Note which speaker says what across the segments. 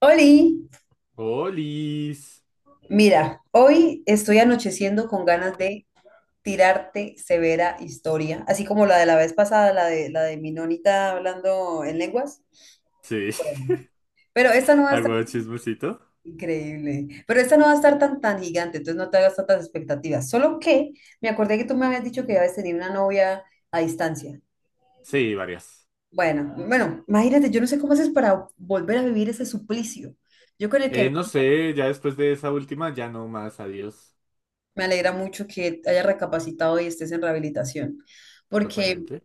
Speaker 1: Oli,
Speaker 2: Olis.
Speaker 1: mira, hoy estoy anocheciendo con ganas de tirarte severa historia, así como la de la vez pasada, la de mi nonita hablando en lenguas.
Speaker 2: Sí,
Speaker 1: Bueno, pero esta no va a estar
Speaker 2: hago chismecito.
Speaker 1: increíble, pero esta no va a estar tan tan gigante, entonces no te hagas tantas expectativas. Solo que me acordé que tú me habías dicho que habías tenido una novia a distancia.
Speaker 2: Sí, varias.
Speaker 1: Bueno, bueno, imagínate, yo no sé cómo haces para volver a vivir ese suplicio. Yo con el que
Speaker 2: No
Speaker 1: venía.
Speaker 2: sé, ya después de esa última, ya no más, adiós.
Speaker 1: Me alegra mucho que hayas recapacitado y estés en rehabilitación, porque
Speaker 2: Totalmente.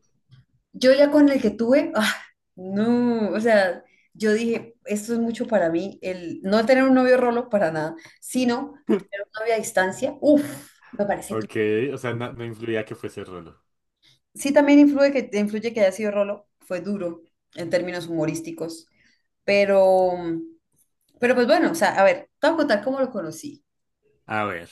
Speaker 1: yo ya con el que tuve, ah, no, o sea, yo dije, esto es mucho para mí, el no tener un novio rolo para nada, sino tener un novio a distancia, uff, me parece tú.
Speaker 2: Ok, o sea, no influía que fuese Rolo.
Speaker 1: Sí, también influye que haya sido rolo, fue duro en términos humorísticos, pero, pero pues bueno, o sea, a ver, te voy a contar cómo lo conocí.
Speaker 2: A ver,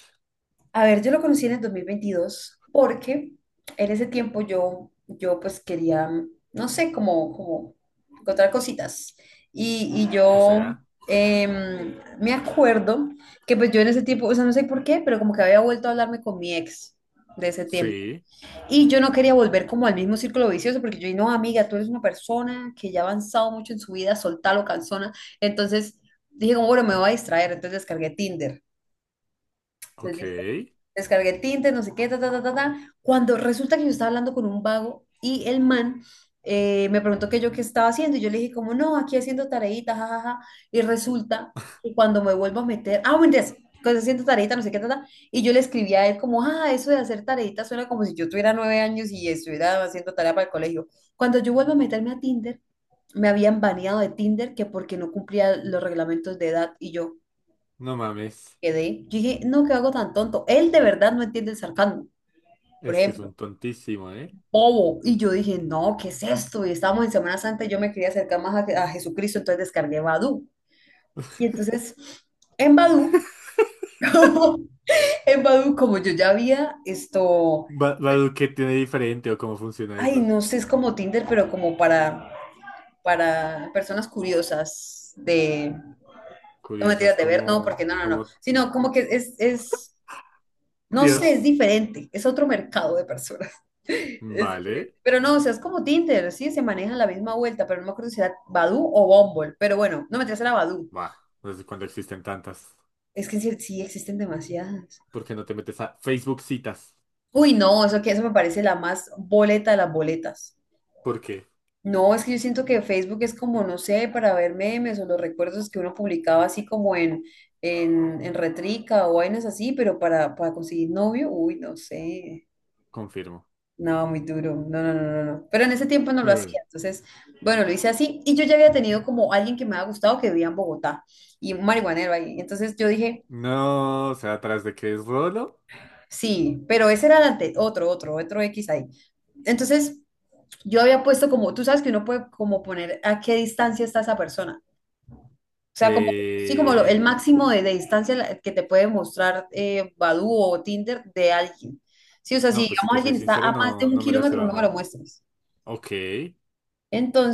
Speaker 1: A ver, yo lo conocí en el 2022 porque en ese tiempo yo pues quería, no sé, como encontrar cositas. Y
Speaker 2: o
Speaker 1: yo
Speaker 2: sea,
Speaker 1: me acuerdo que pues yo en ese tiempo, o sea, no sé por qué, pero como que había vuelto a hablarme con mi ex de ese tiempo.
Speaker 2: sí,
Speaker 1: Y yo no quería volver como al mismo círculo vicioso porque yo, dije no, amiga, tú eres una persona que ya ha avanzado mucho en su vida, soltalo, canzona. Entonces dije como, bueno, me voy a distraer, entonces descargué Tinder. Entonces,
Speaker 2: ok.
Speaker 1: listo, descargué Tinder, no sé qué, ta, ta, ta, ta, ta. Cuando resulta que yo estaba hablando con un vago y el man me preguntó que yo qué estaba haciendo y yo le dije como, no, aquí haciendo tareitas, jajaja. Y resulta que cuando me vuelvo a meter, ah, bueno, entonces, cuando haciendo tareitas, no sé qué, ta, ta, y yo le escribí a él como, ah, eso de hacer tareitas suena como si yo tuviera 9 años y estuviera haciendo tarea para el colegio. Cuando yo vuelvo a meterme a Tinder, me habían baneado de Tinder que porque no cumplía los reglamentos de edad y yo
Speaker 2: No mames,
Speaker 1: quedé. Yo dije, no, qué hago tan tonto. Él de verdad no entiende el sarcasmo, por
Speaker 2: es que es
Speaker 1: ejemplo,
Speaker 2: un tontísimo, ¿eh?
Speaker 1: bobo. Y yo dije, no, ¿qué es esto? Y estábamos en Semana Santa y yo me quería acercar más a Jesucristo, entonces descargué Badoo. Y entonces, en Badoo, en Badoo, como yo ya había esto,
Speaker 2: Badu, ¿qué tiene diferente o cómo funciona
Speaker 1: ay,
Speaker 2: eso?
Speaker 1: no sé, es como Tinder, pero como para personas curiosas de, no
Speaker 2: Curioso,
Speaker 1: mentiras,
Speaker 2: es
Speaker 1: de ver, no,
Speaker 2: como,
Speaker 1: porque no, no, no,
Speaker 2: como,
Speaker 1: sino como que es, no sé, es
Speaker 2: Dios.
Speaker 1: diferente, es otro mercado de personas. Es diferente.
Speaker 2: Vale,
Speaker 1: Pero no, o sea, es como Tinder, sí, se maneja la misma vuelta, pero no me acuerdo si era Badoo o Bumble. Pero bueno, no me traes a la Badoo.
Speaker 2: va, desde cuándo existen tantas.
Speaker 1: Es que sí, sí existen demasiadas.
Speaker 2: ¿Por qué no te metes a Facebook citas?
Speaker 1: Uy, no, eso que eso me parece la más boleta de las boletas.
Speaker 2: ¿Por qué?
Speaker 1: No, es que yo siento que Facebook es como, no sé, para ver memes o los recuerdos que uno publicaba así como en, en Retrica o vainas así, pero para conseguir novio, uy, no sé.
Speaker 2: Confirmo.
Speaker 1: No, muy duro. No, no, no, no, no. Pero en ese tiempo no lo
Speaker 2: Pero
Speaker 1: hacía.
Speaker 2: bueno.
Speaker 1: Entonces, bueno, lo hice así. Y yo ya había tenido como alguien que me había gustado que vivía en Bogotá y un marihuanero ahí. Entonces yo dije,
Speaker 2: No, o sea, atrás de que es Rolo.
Speaker 1: sí, pero ese era el otro X ahí. Entonces yo había puesto como, tú sabes que uno puede como poner a qué distancia está esa persona. O sea, como, sí, como
Speaker 2: eh,
Speaker 1: el máximo de distancia que te puede mostrar Badoo o Tinder de alguien. Sí, o sea, si
Speaker 2: no, pues si
Speaker 1: digamos
Speaker 2: te soy
Speaker 1: alguien está
Speaker 2: sincero,
Speaker 1: a más de
Speaker 2: no,
Speaker 1: un
Speaker 2: no me las he
Speaker 1: kilómetro, no me lo
Speaker 2: bajado.
Speaker 1: muestres.
Speaker 2: Ok.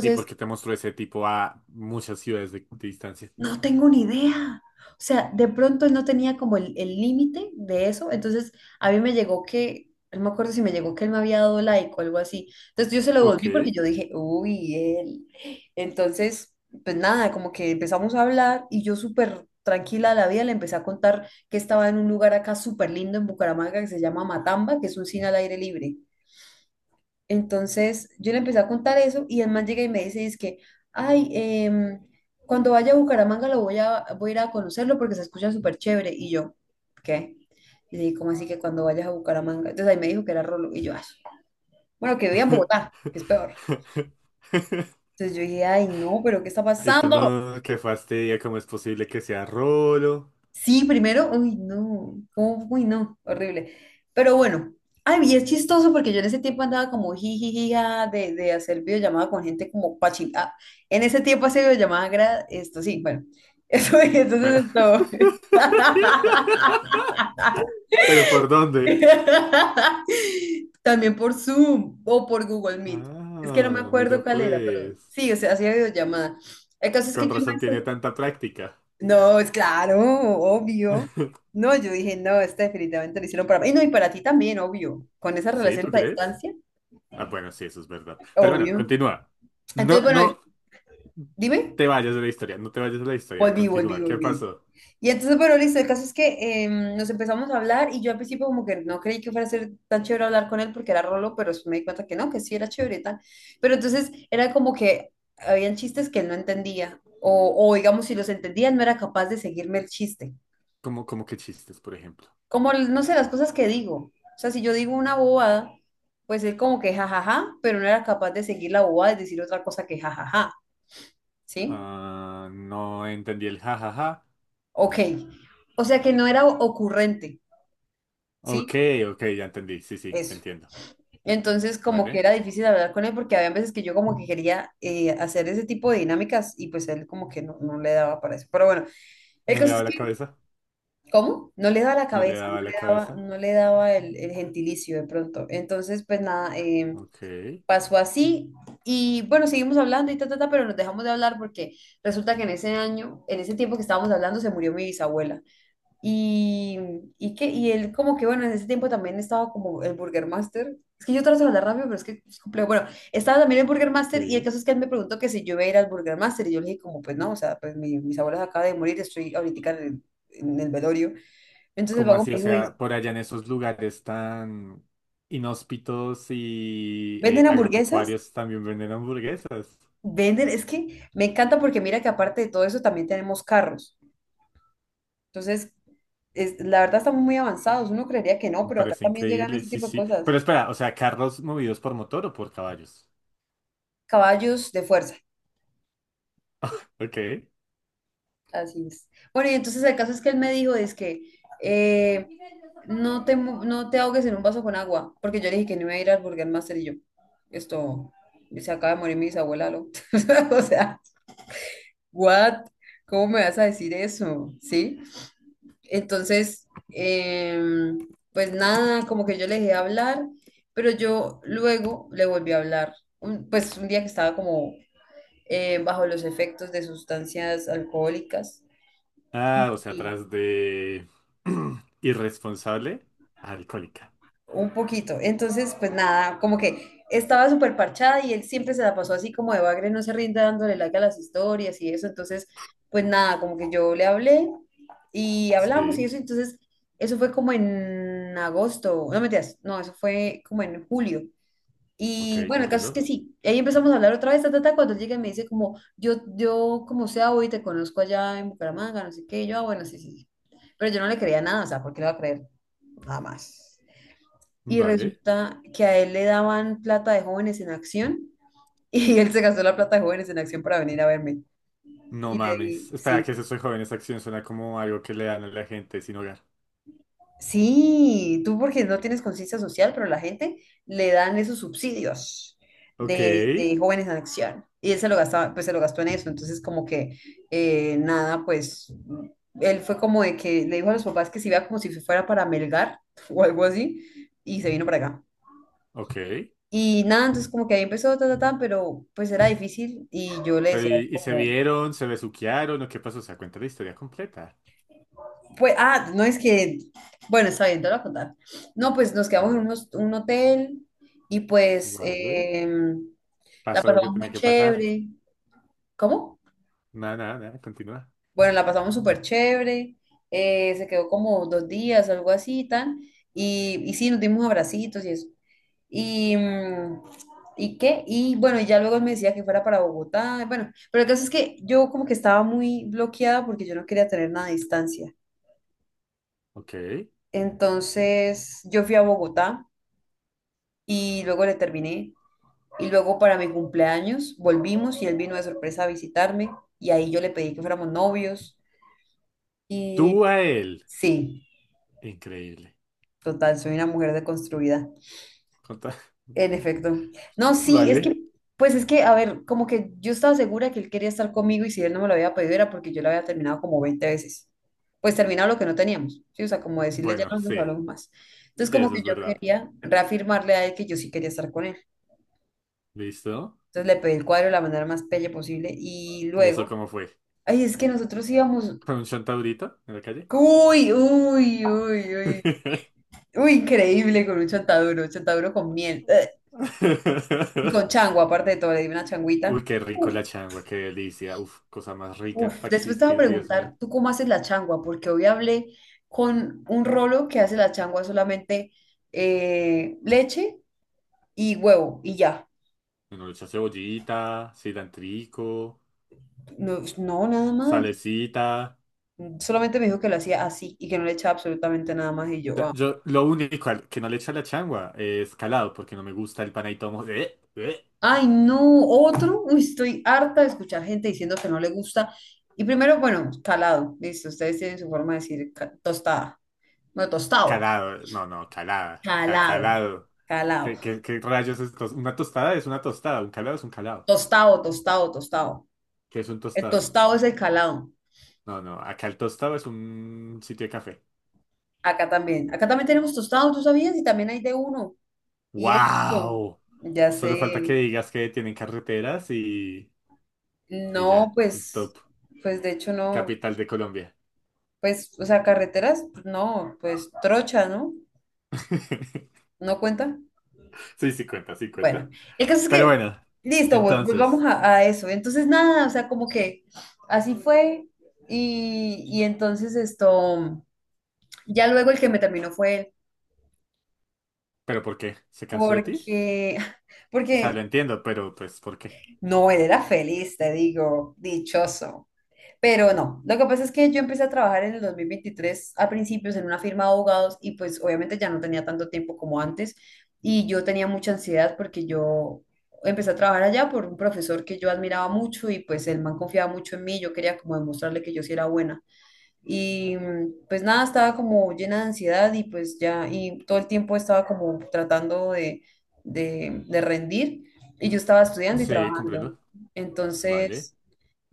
Speaker 2: ¿Y por qué te mostró ese tipo a muchas ciudades de distancia?
Speaker 1: No tengo ni idea. O sea, de pronto él no tenía como el límite de eso. Entonces, a mí me llegó que, no me acuerdo si me llegó que él me había dado like o algo así. Entonces, yo se lo devolví porque
Speaker 2: Ok.
Speaker 1: yo dije, uy, él. Entonces, pues nada, como que empezamos a hablar y yo súper tranquila de la vida le empecé a contar que estaba en un lugar acá súper lindo en Bucaramanga que se llama Matamba, que es un cine al aire libre. Entonces yo le empecé a contar eso y el man llega y me dice, es que, ay, cuando vaya a Bucaramanga lo voy a, voy a ir a conocerlo porque se escucha súper chévere. Y yo, ¿qué? Y le dije, ¿cómo así que cuando vayas a Bucaramanga? Entonces ahí me dijo que era Rolo. Y yo, "Ah, bueno, que vivía en Bogotá, que es peor". Entonces yo dije, ay, no, pero ¿qué está
Speaker 2: Y tú
Speaker 1: pasando?
Speaker 2: no, qué fastidia, ¿cómo es posible que sea Rolo?
Speaker 1: Sí, primero, uy, no, ¿cómo? Uy, no, horrible. Pero bueno, ay, y es chistoso porque yo en ese tiempo andaba como jijijija de hacer videollamada con gente como pachita. Ah, en ese tiempo hacer videollamada, esto sí, bueno, eso,
Speaker 2: ¿Pero
Speaker 1: entonces esto.
Speaker 2: ¿pero por dónde?
Speaker 1: También por Zoom o por Google Meet. Es que no me
Speaker 2: Ah, mira
Speaker 1: acuerdo cuál era, pero
Speaker 2: pues.
Speaker 1: sí, o sea, hacía videollamada. El caso es que
Speaker 2: Con
Speaker 1: yo.
Speaker 2: razón tiene tanta práctica.
Speaker 1: No, es claro, obvio. No, yo dije, no, esta definitivamente lo hicieron para mí. Y no, y para ti también, obvio. Con esas
Speaker 2: ¿Sí? ¿Tú
Speaker 1: relaciones a
Speaker 2: crees?
Speaker 1: distancia,
Speaker 2: Ah, bueno, sí, eso es verdad. Pero bueno,
Speaker 1: obvio.
Speaker 2: continúa.
Speaker 1: Entonces,
Speaker 2: No,
Speaker 1: bueno,
Speaker 2: no
Speaker 1: dime,
Speaker 2: te vayas de la historia, no te vayas de la historia.
Speaker 1: volví, volví,
Speaker 2: Continúa. ¿Qué
Speaker 1: volví.
Speaker 2: pasó?
Speaker 1: Y entonces, bueno, listo, el caso es que nos empezamos a hablar y yo al principio como que no creí que fuera a ser tan chévere hablar con él porque era rolo, pero después me di cuenta que no, que sí era chévere y tal. Pero entonces era como que habían chistes que él no entendía o digamos, si los entendía no era capaz de seguirme el chiste.
Speaker 2: ¿Cómo, cómo que chistes, por ejemplo?
Speaker 1: Como, no sé, las cosas que digo. O sea, si yo digo una bobada, pues es como que jajaja, pero no era capaz de seguir la bobada y decir otra cosa que jajaja, ¿sí?
Speaker 2: Ah, no entendí el jajaja.
Speaker 1: Ok. O sea que no era ocurrente,
Speaker 2: Ok,
Speaker 1: ¿sí?
Speaker 2: ok, ya entendí. Sí, sí, te
Speaker 1: Eso.
Speaker 2: entiendo.
Speaker 1: Entonces, como que
Speaker 2: ¿Vale?
Speaker 1: era difícil hablar con él porque había veces que yo como que quería hacer ese tipo de dinámicas y pues él como que no, no le daba para eso. Pero bueno, el
Speaker 2: ¿No le
Speaker 1: caso
Speaker 2: daba
Speaker 1: es
Speaker 2: la
Speaker 1: que,
Speaker 2: cabeza?
Speaker 1: ¿cómo? No le daba la
Speaker 2: ¿No le
Speaker 1: cabeza, no
Speaker 2: daba
Speaker 1: le
Speaker 2: la
Speaker 1: daba,
Speaker 2: cabeza?
Speaker 1: no le daba el gentilicio de pronto. Entonces, pues nada,
Speaker 2: Ok,
Speaker 1: pasó así y bueno, seguimos hablando y ta, ta, ta, pero nos dejamos de hablar porque resulta que en ese año, en ese tiempo que estábamos hablando, se murió mi bisabuela. Y, y él como que, bueno, en ese tiempo también estaba como el Burger Master. Es que yo trato de hablar rápido, pero es que es complejo. Bueno, estaba también el Burger Master y el
Speaker 2: sí.
Speaker 1: caso es que él me preguntó que si yo iba a ir al Burger Master y yo le dije como, pues no, o sea, pues mis abuelos acaba de morir, estoy ahorita en el velorio. Entonces el
Speaker 2: ¿Cómo
Speaker 1: vago
Speaker 2: así? O
Speaker 1: me dijo, dice,
Speaker 2: sea, por allá en esos lugares tan inhóspitos y
Speaker 1: ¿venden hamburguesas?
Speaker 2: agropecuarios también venden hamburguesas.
Speaker 1: Venden, es que me encanta porque mira que aparte de todo eso también tenemos carros. Entonces, la verdad estamos muy avanzados. Uno creería que no,
Speaker 2: Me
Speaker 1: pero acá
Speaker 2: parece
Speaker 1: también llegan
Speaker 2: increíble,
Speaker 1: ese
Speaker 2: sí,
Speaker 1: tipo de
Speaker 2: sí.
Speaker 1: cosas.
Speaker 2: Pero espera, o sea, ¿carros movidos por motor o por caballos?
Speaker 1: Caballos de fuerza,
Speaker 2: Ok.
Speaker 1: así es. Bueno, y entonces el caso es que él me dijo, es que eh, no te ahogues en un vaso con agua, porque yo le dije que no iba a ir al Burger Master y yo, esto, se acaba de morir mi bisabuela, ¿no? O sea, what? ¿Cómo me vas a decir eso? ¿Sí? Entonces, pues nada, como que yo le dejé hablar, pero yo luego le volví a hablar, pues un día que estaba como bajo los efectos de sustancias alcohólicas
Speaker 2: Ah, o sea, tras de irresponsable, alcohólica.
Speaker 1: un poquito. Entonces, pues nada, como que estaba súper parchada y él siempre se la pasó así como de bagre, no se rinde dándole like a las historias y eso. Entonces, pues nada, como que yo le hablé y hablamos y
Speaker 2: Sí,
Speaker 1: eso. Entonces, eso fue como en agosto, no mentiras, no, eso fue como en julio.
Speaker 2: ok,
Speaker 1: Y bueno, el caso es que
Speaker 2: comprendo.
Speaker 1: sí, ahí empezamos a hablar otra vez, ta, ta, ta, cuando él llega y me dice como, yo como sea hoy te conozco allá en Bucaramanga, no sé qué, y yo, ah, bueno, sí, sí, sí. Pero yo no le creía nada, o sea, ¿por qué le va a creer? Nada más y
Speaker 2: Vale.
Speaker 1: resulta que a él le daban plata de jóvenes en acción y él se gastó la plata de jóvenes en acción para venir a verme.
Speaker 2: No
Speaker 1: Y le
Speaker 2: mames.
Speaker 1: di,
Speaker 2: Espera, ¿que es
Speaker 1: sí,
Speaker 2: eso de joven? Esa acción suena como algo que le dan a la gente sin hogar.
Speaker 1: sí, tú porque no tienes conciencia social, pero la gente le dan esos subsidios
Speaker 2: Ok,
Speaker 1: de jóvenes en acción. Y él se lo gastaba, pues se lo gastó en eso. Entonces, como que nada, pues él fue como de que le dijo a los papás que se iba como si fuera para Melgar o algo así, y se vino para acá.
Speaker 2: ok.
Speaker 1: Y nada, entonces como que ahí empezó, pero pues era difícil y yo le
Speaker 2: Pero,
Speaker 1: decía
Speaker 2: y se
Speaker 1: como,
Speaker 2: vieron, se besuquearon o qué pasó? O sea, cuenta la historia completa.
Speaker 1: pues, ah, no es que, bueno, está bien, te lo voy a contar. No, pues nos
Speaker 2: A
Speaker 1: quedamos en
Speaker 2: ver,
Speaker 1: un hotel y pues
Speaker 2: vale.
Speaker 1: la
Speaker 2: Pasó lo que
Speaker 1: pasamos
Speaker 2: tenía
Speaker 1: muy
Speaker 2: que pasar.
Speaker 1: chévere. ¿Cómo?
Speaker 2: Nada, nada, nada, continúa.
Speaker 1: Bueno, la pasamos súper chévere, se quedó como 2 días, algo así, tan, y sí, nos dimos abracitos y eso. Y, ¿y qué? Y bueno, y ya luego él me decía que fuera para Bogotá. Bueno, pero el caso es que yo como que estaba muy bloqueada porque yo no quería tener nada de distancia.
Speaker 2: Ok.
Speaker 1: Entonces yo fui a Bogotá y luego le terminé. Y luego para mi cumpleaños volvimos y él vino de sorpresa a visitarme. Y ahí yo le pedí que fuéramos novios. Y
Speaker 2: Tú a él.
Speaker 1: sí,
Speaker 2: Increíble.
Speaker 1: total, soy una mujer deconstruida.
Speaker 2: Conta-
Speaker 1: En efecto. No, sí, es que,
Speaker 2: Vale.
Speaker 1: pues es que, a ver, como que yo estaba segura que él quería estar conmigo y si él no me lo había pedido era porque yo lo había terminado como 20 veces. Pues terminado lo que no teníamos, ¿sí? O sea, como decirle ya
Speaker 2: Bueno,
Speaker 1: no nos
Speaker 2: sí.
Speaker 1: hablamos más. Entonces,
Speaker 2: Sí,
Speaker 1: como
Speaker 2: eso
Speaker 1: que
Speaker 2: es
Speaker 1: yo
Speaker 2: verdad.
Speaker 1: quería reafirmarle a él que yo sí quería estar con él.
Speaker 2: ¿Listo?
Speaker 1: Entonces le pedí el cuadro de la manera más pelle posible y
Speaker 2: ¿Y eso
Speaker 1: luego,
Speaker 2: cómo fue?
Speaker 1: ay, es que nosotros íbamos,
Speaker 2: ¿Con un chantaurito en la calle?
Speaker 1: uy, uy, uy, uy, uy, increíble con un chontaduro con miel, ¡eh! Y con chango, aparte de todo, le di una changuita.
Speaker 2: Uy, qué rico la
Speaker 1: Uf,
Speaker 2: changua, qué delicia. Uf, cosa más rica
Speaker 1: uf,
Speaker 2: para
Speaker 1: después te voy a
Speaker 2: existir, Dios mío.
Speaker 1: preguntar, ¿tú cómo haces la changua? Porque hoy hablé con un rolo que hace la changua solamente leche y huevo y ya.
Speaker 2: Uno le echa cebollita, cilantrico,
Speaker 1: No, no, nada más.
Speaker 2: salecita.
Speaker 1: Solamente me dijo que lo hacía así y que no le echaba absolutamente nada más y
Speaker 2: O
Speaker 1: yo,
Speaker 2: sea,
Speaker 1: ah.
Speaker 2: yo lo único que no le echo a la changua es calado, porque no me gusta el panadito.
Speaker 1: Ay, no, otro. Uy, estoy harta de escuchar gente diciendo que no le gusta. Y primero, bueno, calado, listo, ustedes tienen su forma de decir tostada. No, tostado.
Speaker 2: Calado, no, no, calada,
Speaker 1: Calado,
Speaker 2: calado.
Speaker 1: calado.
Speaker 2: ¿Qué rayos? Una tostada es una tostada, un calado es un calado.
Speaker 1: Tostado, tostado, tostado.
Speaker 2: ¿Qué es un
Speaker 1: El
Speaker 2: tostado?
Speaker 1: tostado es el calado.
Speaker 2: No, no, acá el tostado es un sitio de café.
Speaker 1: Acá también. Acá también tenemos tostado, ¿tú sabías? Y también hay de uno. Y éxito.
Speaker 2: ¡Wow!
Speaker 1: Ya
Speaker 2: Solo falta que
Speaker 1: sé.
Speaker 2: digas que tienen carreteras y
Speaker 1: No,
Speaker 2: ya,
Speaker 1: pues,
Speaker 2: top,
Speaker 1: pues de hecho no.
Speaker 2: capital de Colombia.
Speaker 1: Pues, o sea, carreteras, no, pues trocha, ¿no? ¿No cuenta?
Speaker 2: Sí, sí cuenta, sí
Speaker 1: Bueno,
Speaker 2: cuenta.
Speaker 1: el caso es
Speaker 2: Pero
Speaker 1: que,
Speaker 2: bueno,
Speaker 1: listo, volvamos
Speaker 2: entonces,
Speaker 1: a eso. Entonces, nada, o sea, como que así fue. Y entonces esto, ya luego el que me terminó fue él,
Speaker 2: ¿pero por qué? ¿Se cansó de ti?
Speaker 1: porque,
Speaker 2: O sea,
Speaker 1: porque
Speaker 2: lo entiendo, pero pues, ¿por qué?
Speaker 1: no, él era feliz, te digo, dichoso. Pero no, lo que pasa es que yo empecé a trabajar en el 2023 a principios en una firma de abogados y pues obviamente ya no tenía tanto tiempo como antes y yo tenía mucha ansiedad porque yo empecé a trabajar allá por un profesor que yo admiraba mucho y pues el man confiaba mucho en mí, yo quería como demostrarle que yo sí era buena. Y pues nada, estaba como llena de ansiedad y pues ya, y todo el tiempo estaba como tratando de rendir y yo estaba estudiando y
Speaker 2: Sí,
Speaker 1: trabajando.
Speaker 2: comprendo. Vale.
Speaker 1: Entonces,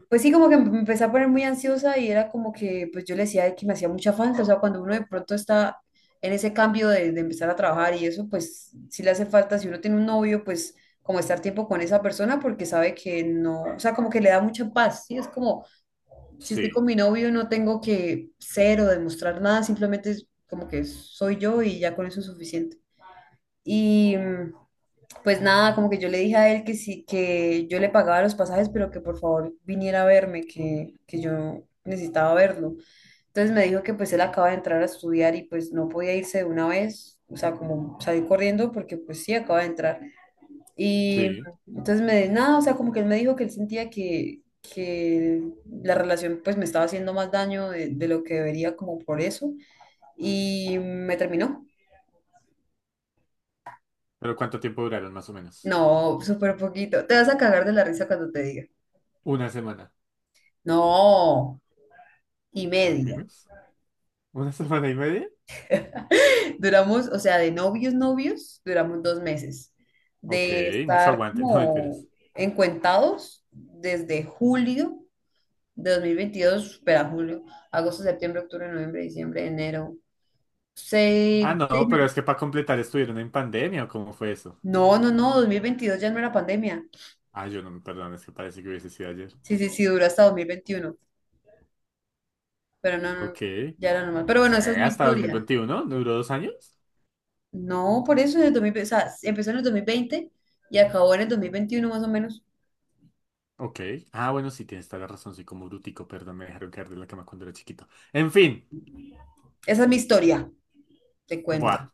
Speaker 1: pues sí, como que me empecé a poner muy ansiosa y era como que pues yo le decía que me hacía mucha falta, o sea, cuando uno de pronto está en ese cambio de empezar a trabajar y eso, pues sí le hace falta, si uno tiene un novio, pues como estar tiempo con esa persona porque sabe que no, o sea, como que le da mucha paz, sí, es como si estoy con
Speaker 2: Sí,
Speaker 1: mi novio, no tengo que ser o demostrar nada, simplemente es como que soy yo y ya con eso es suficiente. Y pues nada, como que yo le dije a él que sí, que yo le pagaba los pasajes, pero que por favor viniera a verme, que yo necesitaba verlo. Entonces me dijo que pues él acaba de entrar a estudiar y pues no podía irse de una vez, o sea, como salir corriendo porque pues sí, acaba de entrar. Y
Speaker 2: sí.
Speaker 1: entonces me, nada, o sea, como que él me dijo que él sentía que la relación pues me estaba haciendo más daño de lo que debería como por eso. Y me terminó.
Speaker 2: ¿Pero cuánto tiempo duraron más o menos?
Speaker 1: No, súper poquito. Te vas a cagar de la risa cuando te diga.
Speaker 2: Una semana.
Speaker 1: No, y
Speaker 2: Muy
Speaker 1: media.
Speaker 2: menos. ¿Una semana y media?
Speaker 1: Duramos, o sea, de novios, novios, duramos 2 meses.
Speaker 2: Ok,
Speaker 1: De
Speaker 2: mucho
Speaker 1: estar
Speaker 2: aguante, no
Speaker 1: como
Speaker 2: mentiras.
Speaker 1: encuentados desde julio de 2022, espera, julio, agosto, septiembre, octubre, noviembre, diciembre, enero.
Speaker 2: Ah,
Speaker 1: Seis,
Speaker 2: no,
Speaker 1: seis
Speaker 2: pero
Speaker 1: meses.
Speaker 2: es que para completar estuvieron en pandemia, ¿o cómo fue eso?
Speaker 1: No, no, no, 2022 ya no era pandemia.
Speaker 2: Ah, yo no me perdón, es que parece que hubiese sido ayer.
Speaker 1: Sí, sí, sí, duró hasta 2021, pero no, no,
Speaker 2: Ok.
Speaker 1: ya era normal. Pero
Speaker 2: Che,
Speaker 1: bueno, esa es mi
Speaker 2: hasta
Speaker 1: historia.
Speaker 2: 2021, ¿no duró 2 años?
Speaker 1: No, por eso en el 2020, o sea, empezó en el 2020 y acabó en el 2021 más o menos.
Speaker 2: Ok. Ah, bueno, sí, tienes toda la razón, soy como brutico, perdón, me dejaron caer de la cama cuando era chiquito. En fin,
Speaker 1: Esa es mi historia, te cuento.
Speaker 2: buah,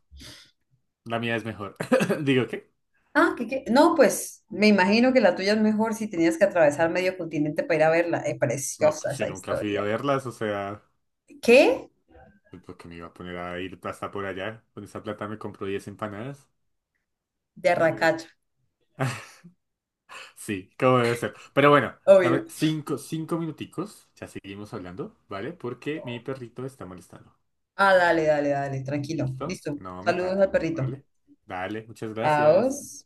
Speaker 2: la mía es mejor. Digo, ¿qué?
Speaker 1: Ah, ¿qué, qué? No, pues me imagino que la tuya es mejor si tenías que atravesar medio continente para ir a verla. Es
Speaker 2: No,
Speaker 1: preciosa
Speaker 2: pues si
Speaker 1: esa
Speaker 2: nunca fui a
Speaker 1: historia.
Speaker 2: verlas, o sea,
Speaker 1: ¿Qué?
Speaker 2: pues, ¿por qué me iba a poner a ir hasta por allá? Con esa plata me compro 10 empanadas.
Speaker 1: De Arracacha,
Speaker 2: Sí, como debe ser. Pero bueno,
Speaker 1: obvio.
Speaker 2: dame cinco minuticos. Ya seguimos hablando, ¿vale? Porque mi perrito está molestando.
Speaker 1: Ah, dale, dale, dale, tranquilo.
Speaker 2: ¿Listo?
Speaker 1: Listo.
Speaker 2: No me
Speaker 1: Saludos
Speaker 2: tardo,
Speaker 1: al perrito.
Speaker 2: ¿vale? Dale, muchas gracias.
Speaker 1: Adiós.